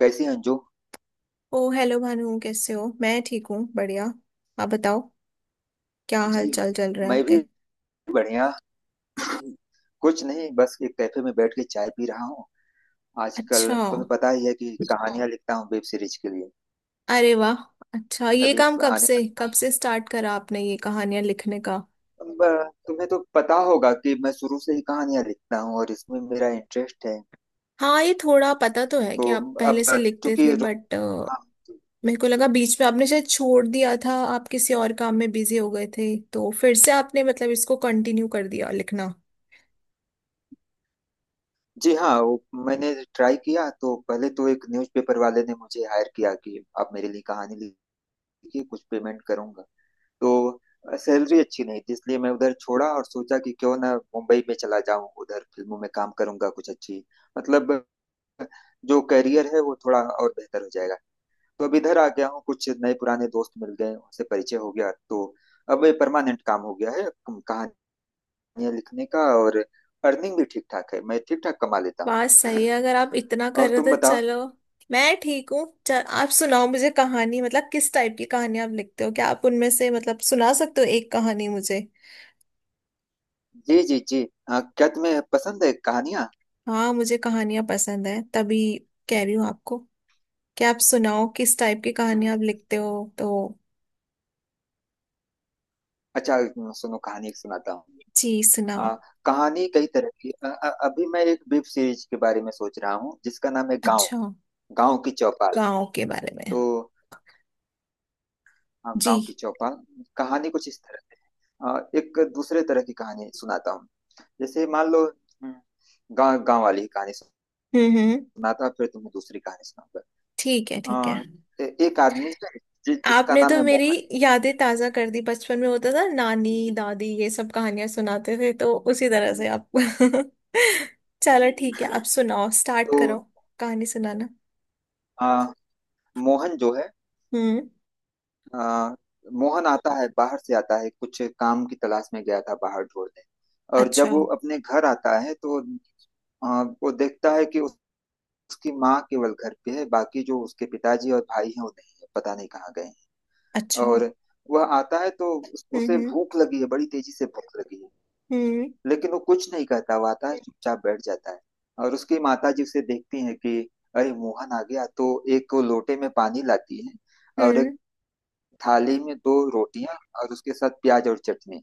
कैसी हैं अंजू? ओ हेलो भानु, कैसे हो? मैं ठीक हूँ, बढ़िया। आप बताओ, क्या हाल जी। चाल चल रहे हैं मैं आपके? भी बढ़िया। कुछ नहीं, बस एक कैफे में बैठ के चाय पी रहा हूँ। आजकल अच्छा, तुम्हें पता ही है कि हाँ, कहानियां लिखता हूँ वेब सीरीज के लिए। अरे वाह। अच्छा, ये अब काम एक कब आने से कब से स्टार्ट करा आपने, ये कहानियां लिखने का? वाला तुम्हें तो पता होगा कि मैं शुरू से ही कहानियां लिखता हूँ और इसमें मेरा इंटरेस्ट है। हाँ, ये थोड़ा पता तो है तो कि आप पहले अब से लिखते चूंकि थे, रो- बट हाँ। मेरे को लगा बीच में आपने शायद छोड़ दिया था, आप किसी और काम में बिजी हो गए थे। तो फिर से आपने मतलब इसको कंटिन्यू कर दिया लिखना। जी हाँ, वो मैंने ट्राई किया तो पहले तो एक न्यूज़पेपर वाले ने मुझे हायर किया कि आप मेरे लिए कहानी लिखिए, कुछ पेमेंट करूंगा। तो सैलरी अच्छी नहीं थी इसलिए मैं उधर छोड़ा और सोचा कि क्यों ना मुंबई में चला जाऊं, उधर फिल्मों में काम करूंगा, कुछ अच्छी मतलब जो करियर है वो थोड़ा और बेहतर हो जाएगा। तो अब इधर आ गया हूँ, कुछ नए पुराने दोस्त मिल गए, उनसे परिचय हो गया तो अब ये परमानेंट काम हो गया है, कहानियां लिखने का, और अर्निंग भी ठीक ठाक है, मैं ठीक ठाक कमा लेता हूँ। बात सही है, अगर आप इतना कर और रहे हो तुम तो बताओ? चलो। मैं ठीक हूँ। चल, आप सुनाओ मुझे कहानी। मतलब किस टाइप की कहानी आप लिखते हो, क्या आप उनमें से मतलब सुना सकते हो एक कहानी मुझे? जी जी जी। हाँ, क्या तुम्हें पसंद है कहानियां? हाँ, मुझे कहानियां पसंद है, तभी कह रही हूँ आपको क्या आप सुनाओ किस टाइप की कहानी आप लिखते हो। तो अच्छा, सुनो कहानी एक सुनाता हूँ। जी सुनाओ। हाँ। कहानी कई तरह की अभी मैं एक वेब सीरीज के बारे में सोच रहा हूँ जिसका नाम है गांव अच्छा, गांव की चौपाल। गाँव के बारे में? तो हाँ, गांव की जी। चौपाल। कहानी कुछ इस तरह है। एक दूसरे तरह की कहानी सुनाता हूँ। जैसे मान लो गांव गांव वाली ही कहानी हम्म। सुनाता हूँ, फिर तुम्हें दूसरी कहानी सुनाऊंगा। ठीक है, अ, ठीक है। एक आदमी है, जिसका आपने नाम तो है मेरी मोहन। यादें ताजा कर दी, बचपन में होता था नानी दादी ये सब कहानियां सुनाते थे, तो उसी तरह से आप चलो ठीक है, आप सुनाओ, स्टार्ट तो करो कहानी सुनाना। अ, मोहन जो है हम्म। आ, मोहन आता है, बाहर से आता है कुछ काम की तलाश में, गया था बाहर ढूंढने। और अच्छा। जब वो अपने घर आता है तो वो देखता है कि उसकी माँ केवल घर पे है, बाकी जो उसके पिताजी और भाई हैं वो नहीं है, पता नहीं कहाँ गए हैं। अच्छा। और वह आता है तो उसे हम्म। भूख लगी है, बड़ी तेजी से भूख लगी है। हम्म लेकिन वो कुछ नहीं कहता, वो आता है चुपचाप बैठ जाता है। और उसकी माता जी उसे देखती है कि अरे मोहन आ गया, तो एक वो लोटे में पानी लाती है, और एक हम्म, थाली में दो रोटियां और उसके साथ प्याज और चटनी।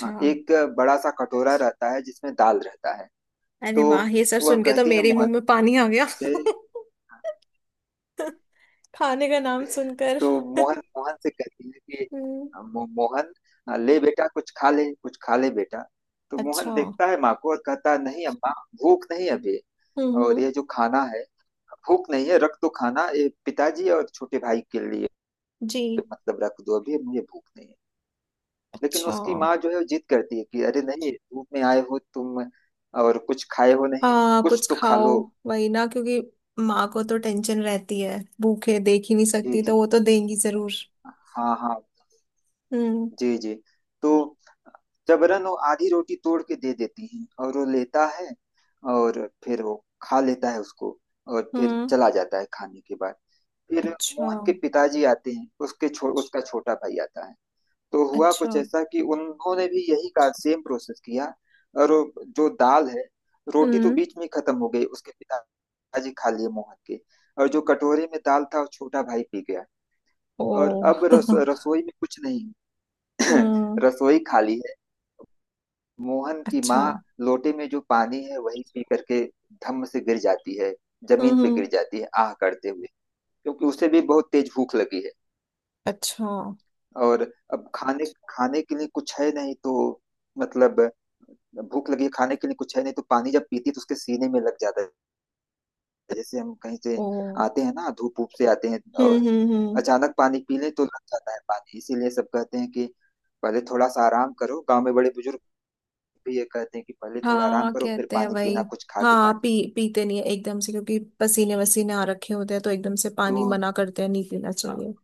हाँ, एक बड़ा सा कटोरा रहता है जिसमें दाल रहता है। अरे तो वाह, ये सब वह सुन के तो कहती है मेरे मुंह मोहन में पानी आ गया। से, खाने का नाम सुनकर तो मोहन मोहन से कहती है कि हम्म। मोहन, ले बेटा कुछ खा ले, कुछ खा ले बेटा। तो मोहन अच्छा। देखता है माँ को और कहता है, नहीं अम्मा, भूख नहीं अभी। हम्म और हम्म, ये जो खाना है भूख नहीं है, रख दो, खाना ये पिताजी और छोटे भाई के लिए। जी। मतलब रख दो, अभी मुझे भूख नहीं है। लेकिन अच्छा। उसकी माँ जो है वो जिद करती है कि अरे नहीं, धूप में आए हो तुम और कुछ खाए हो नहीं, हाँ कुछ कुछ तो खा खाओ, लो। वही ना, क्योंकि माँ को तो टेंशन रहती है, भूखे देख ही नहीं जी सकती, जी। तो वो तो देंगी जरूर। हाँ हाँ। हम्म। जी जी। तो जबरन वो आधी रोटी तोड़ के दे देती है और वो लेता है, और फिर वो खा लेता है उसको, और फिर हम्म। चला जाता है खाने के बाद। फिर अच्छा। मोहन के पिताजी आते हैं, उसके उसका छोटा भाई आता है। तो हुआ अच्छा। कुछ ऐसा कि उन्होंने भी यही का सेम प्रोसेस किया। और वो जो दाल है, रोटी तो हम्म। बीच में ही खत्म हो गई, उसके पिताजी खा लिए मोहन के, और जो कटोरे में दाल था वो छोटा भाई पी गया। और ओ अब रसोई में कुछ नहीं है। हम्म। रसोई खाली है। मोहन की अच्छा। माँ लोटे में जो पानी है वही पी करके धम्म से गिर जाती है, जमीन हम्म पे गिर हम्म, जाती है आह करते हुए, क्योंकि उसे भी बहुत तेज भूख लगी है। अच्छा। और अब खाने खाने के लिए कुछ है नहीं तो मतलब भूख लगी है, खाने के लिए कुछ है नहीं तो पानी जब पीती है तो उसके सीने में लग जाता है। जैसे हम कहीं से ओ। आते हैं ना, धूप धूप से आते हैं और हम्म। अचानक पानी पी लें तो लग जाता है पानी, इसीलिए सब कहते हैं कि पहले थोड़ा सा आराम करो। गांव में बड़े बुजुर्ग भी ये कहते हैं कि पहले थोड़ा आराम हाँ करो, फिर कहते हैं पानी वही। पीना, कुछ खा के हाँ पानी। पी, पीते नहीं है एकदम से, क्योंकि पसीने वसीने आ रखे होते हैं तो एकदम से तो पानी मना करते हैं, नहीं पीना हाँ। चाहिए।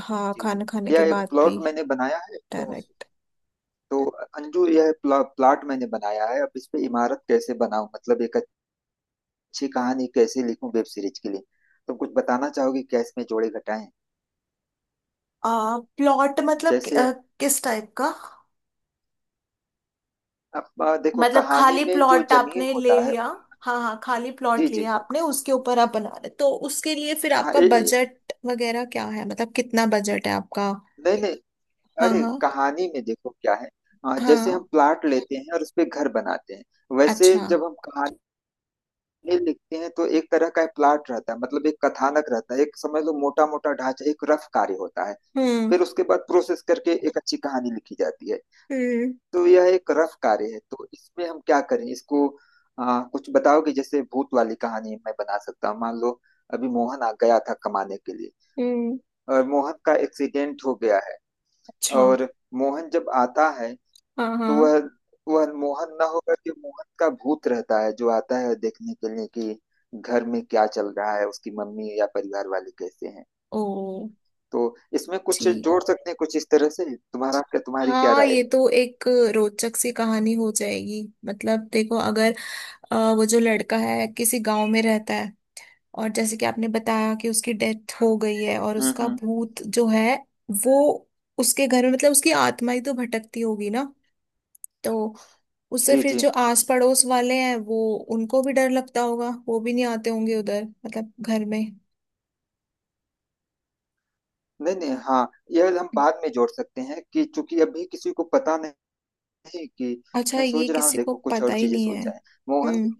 हाँ जी जी। खाना खाने के यह एक बाद भी। प्लॉट मैंने बनाया है। तो डायरेक्ट तो अंजू, यह प्लाट मैंने बनाया है, अब इस पे इमारत कैसे बनाऊं, मतलब एक अच्छी कहानी कैसे लिखूं वेब सीरीज के लिए, तुम कुछ बताना चाहोगे क्या इसमें जोड़े घटाएं? प्लॉट मतलब जैसे किस टाइप का? अब देखो मतलब कहानी खाली में जो प्लॉट जमीन आपने ले होता है। लिया? हाँ हाँ, खाली जी प्लॉट जी। लिया आपने, उसके ऊपर आप बना रहे, तो उसके लिए फिर हाँ। आपका ए, ए, बजट वगैरह क्या है, मतलब कितना बजट है आपका? नहीं नहीं। हाँ अरे हाँ कहानी में देखो क्या है। हाँ, जैसे हाँ। हम प्लाट लेते हैं और उस पे घर बनाते हैं, वैसे अच्छा। जब हम कहानी लिखते हैं तो एक तरह का प्लाट रहता है, मतलब एक कथानक रहता है, एक समझ लो मोटा मोटा ढांचा, एक रफ कार्य होता है। हम्म। फिर उसके बाद प्रोसेस करके एक अच्छी कहानी लिखी जाती है। हम्म। तो यह एक रफ कार्य है, तो इसमें हम क्या करें इसको। कुछ बताओ कि जैसे भूत वाली कहानी मैं बना सकता हूँ। मान लो अभी मोहन आ गया था कमाने के लिए, हम्म। और मोहन का एक्सीडेंट हो गया है, अच्छा। और मोहन जब आता है हाँ तो हाँ। वह मोहन ना होकर के मोहन का भूत रहता है जो आता है देखने के लिए कि घर में क्या चल रहा है, उसकी मम्मी या परिवार वाले कैसे हैं। ओ। तो इसमें कुछ ठीक। जोड़ सकते हैं कुछ इस तरह से, तुम्हारा क्या तुम्हारी क्या हाँ, राय ये है? तो एक रोचक सी कहानी हो जाएगी। मतलब देखो, अगर वो जो लड़का है किसी गांव में रहता है, और जैसे कि आपने बताया कि उसकी डेथ हो गई है, और उसका हम्म। भूत जो है वो उसके घर में, मतलब उसकी आत्मा ही तो भटकती होगी ना। तो उससे जी फिर जी। जो आस पड़ोस वाले हैं, वो उनको भी डर लगता होगा, वो भी नहीं आते होंगे उधर, मतलब घर में। नहीं नहीं, हाँ यह हम बाद में जोड़ सकते हैं कि चूंकि अभी किसी को पता नहीं कि, अच्छा, मैं ये सोच रहा हूँ किसी को देखो, कुछ पता और ही चीजें नहीं है। सोचा है। मोहन हम्म।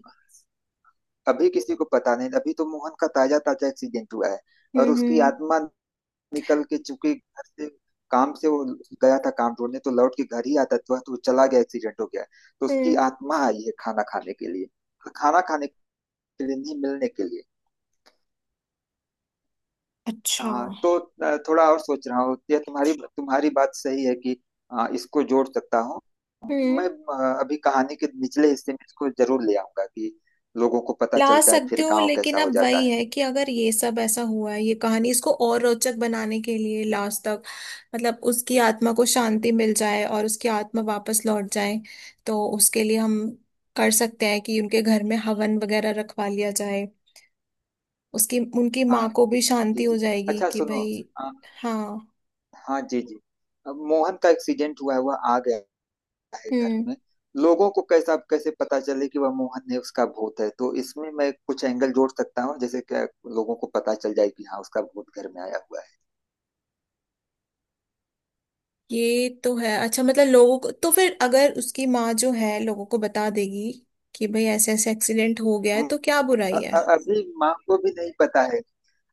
अभी किसी को पता नहीं, अभी तो मोहन का ताजा ताजा एक्सीडेंट हुआ है। और हम्म। उसकी हम्म। आत्मा निकल के, चूंकि घर से काम से वो गया था काम ढूंढने, तो लौट के घर ही आता था, तो वो चला गया, एक्सीडेंट हो गया। तो उसकी हम्म, आत्मा आई है खाना खाने के लिए, खाना खाने के लिए नहीं, मिलने के लिए। अच्छा। हाँ तो थोड़ा और सोच रहा हूँ, यह तुम्हारी तुम्हारी बात सही है कि इसको जोड़ सकता हूँ। मैं हम्म। अभी कहानी के निचले हिस्से में इसको जरूर ले आऊंगा कि लोगों को पता ला चलता है, सकते फिर हो, गांव लेकिन कैसा हो अब जाता वही है। है कि अगर ये सब ऐसा हुआ है, ये कहानी इसको और रोचक बनाने के लिए लास्ट तक, मतलब उसकी आत्मा को शांति मिल जाए और उसकी आत्मा वापस लौट जाए। तो उसके लिए हम कर सकते हैं कि उनके घर में हवन वगैरह रखवा लिया जाए, उसकी, उनकी हाँ माँ को भी जी शांति जी। हो जाएगी अच्छा कि सुनो भाई। अ, हाँ। हाँ जी जी। अब मोहन का एक्सीडेंट हुआ है, वह आ गया है घर हम्म। में, लोगों को कैसा कैसे पता चले कि वह मोहन है, उसका भूत है? तो इसमें मैं कुछ एंगल जोड़ सकता हूँ जैसे कि लोगों को पता चल जाए कि हाँ उसका भूत घर में आया हुआ है। ये तो है, अच्छा मतलब लोगों को तो फिर अगर उसकी माँ जो है लोगों को बता देगी कि भाई ऐसे ऐसे एक्सीडेंट हो गया है, हम्म, तो क्या बुराई है। अभी माँ को भी नहीं पता है।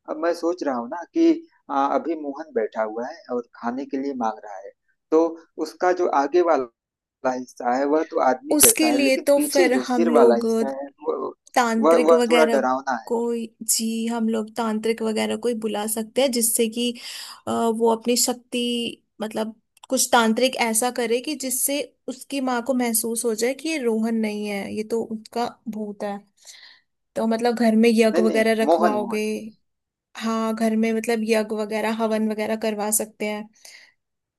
अब मैं सोच रहा हूँ ना कि अभी मोहन बैठा हुआ है और खाने के लिए मांग रहा है। तो उसका जो आगे वाला हिस्सा है वह तो आदमी उसके जैसा है, लिए लेकिन तो पीछे फिर जो हम सिर वाला लोग हिस्सा है वह, वह तांत्रिक वह थोड़ा वगैरह डरावना है। को, जी हम लोग तांत्रिक वगैरह को ही बुला सकते हैं, जिससे कि वो अपनी शक्ति, मतलब कुछ तांत्रिक ऐसा करे कि जिससे उसकी माँ को महसूस हो जाए कि ये रोहन नहीं है, ये तो उसका भूत है। तो मतलब घर में यज्ञ नहीं नहीं, वगैरह मोहन मोहन। रखवाओगे। हाँ घर में मतलब यज्ञ वगैरह, हवन वगैरह करवा सकते हैं।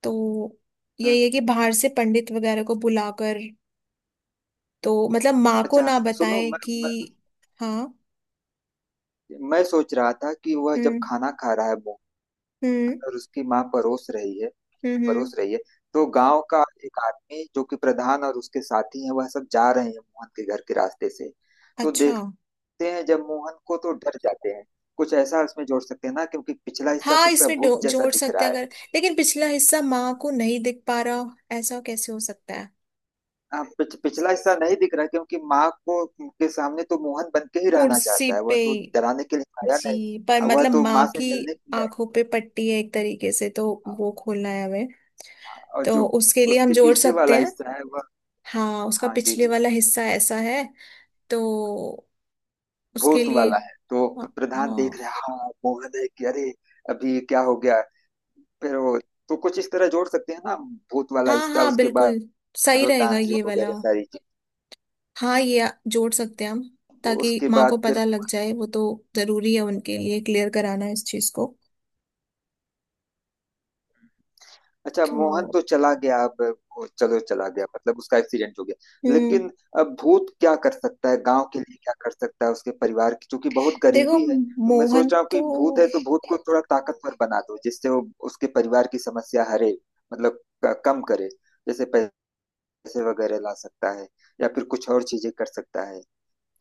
तो हम्म यही हम्म। है कि बाहर से पंडित वगैरह को बुलाकर, तो मतलब माँ को अच्छा ना सुनो बताए मैं कि। मैं हाँ। मैं सोच रहा था कि वह जब हम्म। खाना खा रहा है मोहन, हम्म। और उसकी माँ परोस रही है, हम्म हम्म, परोस रही है, तो गांव का एक आदमी जो कि प्रधान और उसके साथी हैं वह सब जा रहे हैं मोहन के घर के रास्ते से, तो अच्छा। देखते हैं जब मोहन को तो डर जाते हैं। कुछ ऐसा उसमें जोड़ सकते हैं ना, क्योंकि पिछला हिस्सा तो हाँ, उसका इसमें भूत जैसा जोड़ दिख सकते रहा हैं, है। अगर लेकिन पिछला हिस्सा माँ को नहीं दिख पा रहा, ऐसा कैसे हो सकता है? हाँ, पिछला हिस्सा नहीं दिख रहा, क्योंकि माँ को के सामने तो मोहन बन के ही रहना कुर्सी चाहता है, वह पे, तो डराने के लिए आया जी, पर नहीं, वह मतलब तो माँ माँ से की मिलने के लिए आया। आंखों पे पट्टी है एक तरीके से, तो वो खोलना है हमें, हाँ, और तो जो उसके लिए हम उसके जोड़ पीछे सकते वाला हैं। हिस्सा है वह, हाँ, उसका हाँ जी पिछले जी, वाला हिस्सा ऐसा है, तो उसके भूत लिए। वाला है। तो हाँ। प्रधान देख हाँ। रहे हाँ मोहन है कि अरे, अभी क्या हो गया? फिर वो, तो कुछ इस तरह जोड़ सकते हैं ना, भूत वाला हाँ। हिस्सा, हाँ उसके बिल्कुल बाद सही वो रहेगा ये तांत्रिक वाला। वगैरह सारी चीज, हाँ, जोड़ सकते हैं हम, ताकि उसके माँ को बाद फिर। पता लग जाए। वो तो जरूरी है उनके लिए क्लियर कराना इस चीज को। अच्छा, मोहन तो तो चला गया अब, वो चलो चला गया, मतलब उसका एक्सीडेंट हो गया, हम्म, लेकिन अब भूत क्या कर सकता है गांव के लिए, क्या कर सकता है? उसके परिवार की चूंकि बहुत देखो गरीबी है, तो मैं मोहन सोच रहा हूँ तो। कि भूत है तो भूत को थोड़ा ताकतवर बना दो जिससे वो उसके परिवार की समस्या हरे, मतलब कम करे। जैसे पैसे वगैरह ला सकता है, या फिर कुछ और चीजें कर सकता है,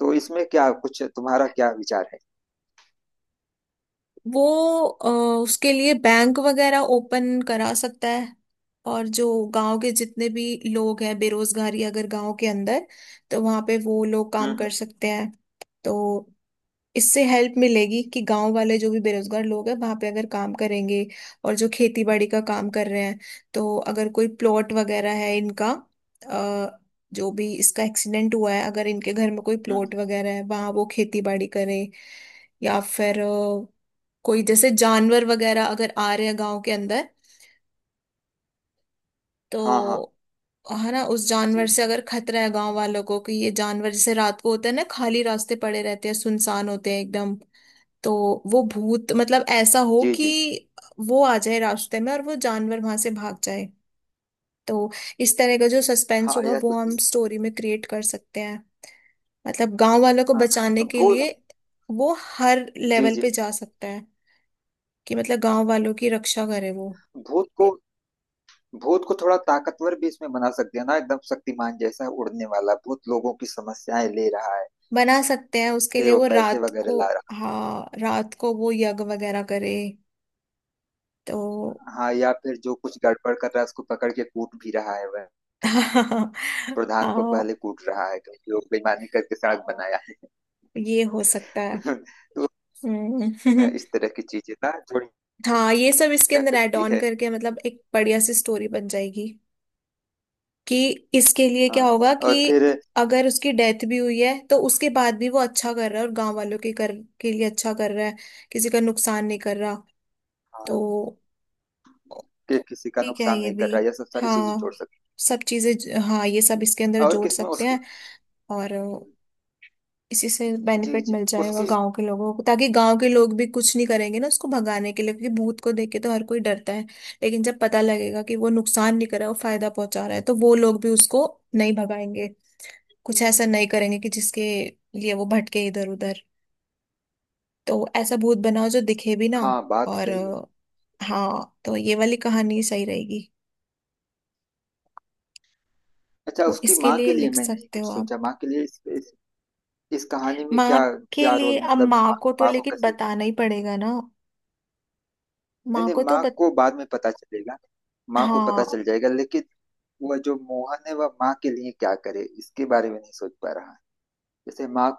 तो इसमें क्या कुछ तुम्हारा, क्या विचार है? वो अ, उसके लिए बैंक वगैरह ओपन करा सकता है, और जो गांव के जितने भी लोग हैं, बेरोजगारी अगर गांव के अंदर, तो वहां पे वो लोग हम्म काम कर हम्म सकते हैं। तो इससे हेल्प मिलेगी कि गांव वाले जो भी बेरोजगार लोग हैं वहां पे अगर काम करेंगे। और जो खेती बाड़ी का काम कर रहे हैं, तो अगर कोई प्लॉट वगैरह है इनका, अ, जो भी इसका एक्सीडेंट हुआ है, अगर इनके घर में कोई हम्म। प्लॉट वगैरह है, वहां वो खेती बाड़ी करें। या फिर कोई जैसे जानवर वगैरह अगर आ रहे हैं गांव के अंदर, हाँ हाँ। तो है ना, उस जानवर जी से अगर खतरा है गांव वालों को, कि ये जानवर जैसे रात को होता है ना, खाली रास्ते पड़े रहते हैं, सुनसान होते हैं एकदम, तो वो भूत मतलब ऐसा हो जी। कि जी जी। वो आ जाए रास्ते में और वो जानवर वहां से भाग जाए। तो इस तरह का जो सस्पेंस हाँ होगा यह वो तो हम ठीक। स्टोरी में क्रिएट कर सकते हैं, मतलब गांव वालों को हाँ बचाने के लिए। भूत, वो हर जी लेवल जी, पे जा सकता है, कि मतलब गांव वालों की रक्षा करे वो। भूत को भूत को थोड़ा ताकतवर भी इसमें बना सकते हैं ना, एकदम शक्तिमान जैसा उड़ने वाला भूत, लोगों की समस्याएं ले रहा है। बना सकते हैं, उसके फिर लिए वो वो पैसे रात को, वगैरह ला रहा हाँ रात को वो यज्ञ वगैरह करे। तो है। हाँ, या फिर जो कुछ गड़बड़ कर रहा है उसको पकड़ के कूट भी रहा है वह। प्रधान को हाँ पहले कूट रहा है क्योंकि वो बेईमानी करके सड़क बनाया ये हो सकता है। है। तो हम्म हाँ, इस तरह की चीजें ना जोड़ी हाँ ये सब इसके जा अंदर ऐड सकती ऑन है। करके मतलब एक बढ़िया सी स्टोरी बन जाएगी, कि इसके लिए हाँ, क्या होगा और कि फिर अगर उसकी डेथ भी हुई है तो उसके बाद भी वो अच्छा कर रहा है, और गांव वालों के कर के लिए अच्छा कर रहा है, किसी का नुकसान नहीं कर रहा। हाँ, तो कि किसी का ठीक है, नुकसान ये नहीं भी कर रहा, यह सब सारी चीजें जोड़ हाँ सकते। सब चीजें हाँ ये सब इसके अंदर और जोड़ किसमें सकते उस, हैं। और इसी से जी बेनिफिट जी, मिल जाएगा उसकी, गांव के लोगों को, ताकि गांव के लोग भी कुछ नहीं करेंगे ना उसको भगाने के लिए, क्योंकि भूत को देख के तो हर कोई डरता है, लेकिन जब पता लगेगा कि वो नुकसान नहीं कर रहा, वो फायदा पहुंचा रहा है, तो वो लोग भी उसको नहीं भगाएंगे, कुछ ऐसा नहीं करेंगे कि जिसके लिए वो भटके इधर उधर। तो ऐसा भूत बनाओ जो दिखे भी ना। हाँ, बात और सही है। हाँ तो ये वाली कहानी सही रहेगी। अच्छा, तो उसकी इसके माँ के लिए लिए लिख मैं नहीं सकते कुछ हो आप। सोचा, माँ के लिए इस कहानी में माँ क्या के क्या लिए रोल, अब मतलब माँ माँ को तो माँ को लेकिन कैसे। बताना ही पड़ेगा ना। नहीं माँ नहीं, को तो माँ बत... को बाद में पता चलेगा, माँ को पता हाँ। चल जाएगा, लेकिन वह जो मोहन है वह माँ के लिए क्या करे, इसके बारे में नहीं सोच पा रहा। जैसे माँ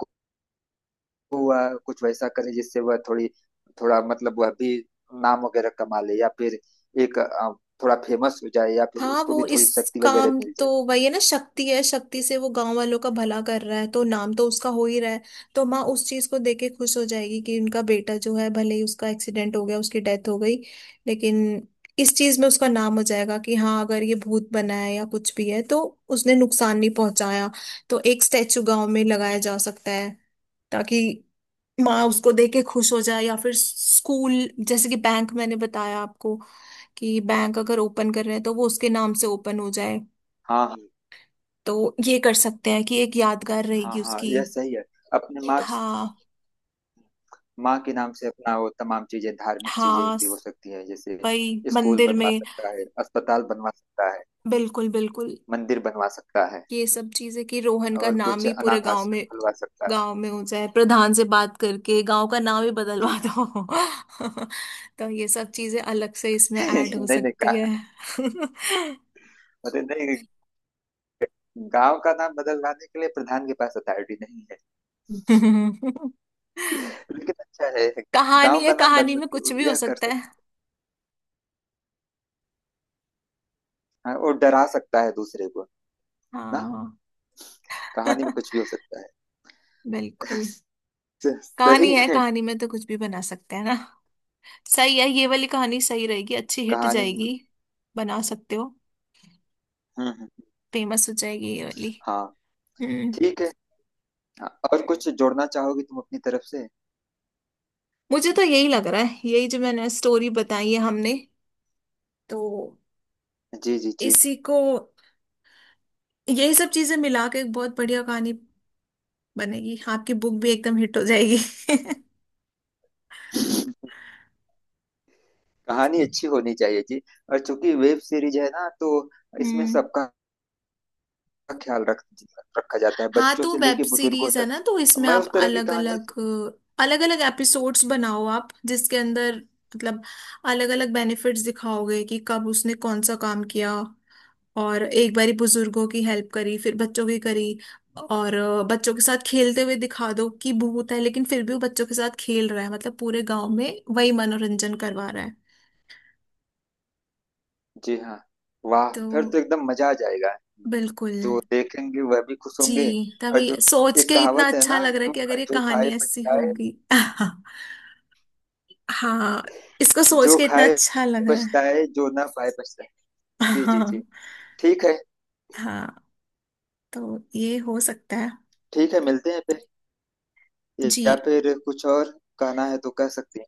वह कुछ वैसा करे जिससे वह थोड़ी थोड़ा मतलब वह भी नाम वगैरह कमा ले, या फिर एक थोड़ा फेमस हो जाए, या फिर हाँ उसको भी वो थोड़ी इस शक्ति वगैरह काम, मिल तो जाए। वही है ना, शक्ति है, शक्ति से वो गांव वालों का भला कर रहा है, तो नाम तो उसका हो ही रहा है। तो माँ उस चीज को देख के खुश हो जाएगी कि उनका बेटा जो है, भले ही उसका एक्सीडेंट हो गया, उसकी डेथ हो गई, लेकिन इस चीज में उसका नाम हो जाएगा कि हाँ अगर ये भूत बना है या कुछ भी है तो उसने नुकसान नहीं पहुंचाया। तो एक स्टैचू गांव में लगाया जा सकता है, ताकि माँ उसको देख के खुश हो जाए, या फिर स्कूल, जैसे कि बैंक मैंने बताया आपको, कि बैंक अगर ओपन कर रहे हैं तो वो उसके नाम से ओपन हो जाए। हाँ हाँ तो ये कर सकते हैं कि एक यादगार हाँ रहेगी हाँ। उसकी। यह सही है। अपने माँ हाँ। माँ के नाम से अपना वो तमाम चीजें, धार्मिक चीजें हाँ भी हो सकती है, जैसे भाई, स्कूल मंदिर बनवा में, सकता है, अस्पताल बनवा सकता है, बिल्कुल बिल्कुल। मंदिर बनवा सकता है, ये सब चीजें कि रोहन का और नाम कुछ ही पूरे अनाथ गांव आश्रम में, खुलवा सकता है। गांव में हो जाए, प्रधान से बात करके गांव का नाम ही जी बदलवा हाँ। दो तो ये सब चीजें अलग से इसमें ऐड हो नहीं नहीं, सकती है। अरे नहीं, गांव का नाम बदलवाने के लिए प्रधान के पास अथॉरिटी नहीं, लेकिन अच्छा है। कहानी गांव है, का नाम कहानी बदल, में कुछ भी हो यह कर सकता है। सकता है, और डरा सकता है दूसरे को ना। हाँ कहानी में कुछ भी हो सकता है। बिल्कुल। स- कहानी सही है, है। कहानी में तो कुछ भी बना सकते हैं ना। सही है, ये वाली कहानी सही रहेगी, अच्छी हिट कहानी में। जाएगी। बना सकते हो। हम्म। फेमस हो जाएगी ये वाली। हाँ हम्म। ठीक है। हाँ, और कुछ जोड़ना चाहोगी तुम अपनी तरफ से? मुझे तो यही लग रहा है, यही जो मैंने स्टोरी बताई है हमने, तो जी जी जी। इसी को, यही सब चीजें मिला के एक बहुत बढ़िया कहानी बनेगी, आपकी बुक भी एकदम हिट हो जाएगी। कहानी अच्छी होनी चाहिए जी। और चूंकि वेब सीरीज है ना, तो इसमें हम्म। सबका ख्याल रख रखा जाता है, हाँ बच्चों तो से वेब लेके बुजुर्गों सीरीज है तक। ना, तो इसमें मैं आप उस तरह की अलग कहानी। अलग, अलग अलग एपिसोड्स बनाओ आप, जिसके अंदर मतलब अलग अलग बेनिफिट्स दिखाओगे कि कब उसने कौन सा काम किया। और एक बारी बुजुर्गों की हेल्प करी, फिर बच्चों की करी, और बच्चों के साथ खेलते हुए दिखा दो कि भूत है लेकिन फिर भी वो बच्चों के साथ खेल रहा है, मतलब पूरे गांव में वही मनोरंजन करवा रहा है। जी हाँ, वाह तो फिर तो एकदम मजा आ जाएगा, बिल्कुल। जो देखेंगे वह भी खुश होंगे। जी, तभी और जो सोच एक के इतना कहावत है अच्छा ना, लग रहा है जो कि अगर ये जो खाए कहानी ऐसी पछताए, होगी हाँ इसको सोच जो के इतना खाए अच्छा लग रहा है। पछताए, जो ना खाए पछताए। जी जी हाँ। जी। ठीक है। हाँ तो ये हो सकता है। ठीक है, मिलते हैं फिर, जी, या फिर कुछ और कहना है तो कह सकते हैं।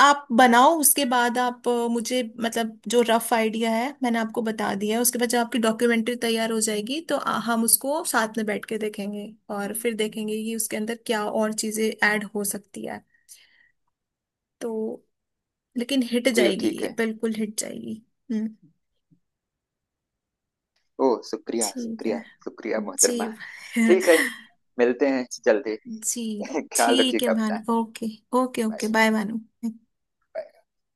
आप बनाओ, उसके बाद आप मुझे, मतलब जो रफ आइडिया है मैंने आपको बता दिया है, उसके बाद जब आपकी डॉक्यूमेंट्री तैयार हो जाएगी, तो हम उसको साथ में बैठ के देखेंगे, और हम्म, फिर देखेंगे कि उसके अंदर क्या और चीजें ऐड हो सकती है। तो लेकिन हिट जी जाएगी ठीक ये, है। बिल्कुल हिट जाएगी। हम्म। ओ शुक्रिया ठीक शुक्रिया। है। शुक्रिया जी मोहतरमा। ठीक है, मिलते हैं जल्दी। जी ख्याल ठीक है रखिएगा अपना। Bhanu, okay. Okay okay, bye. Bye Bhanu.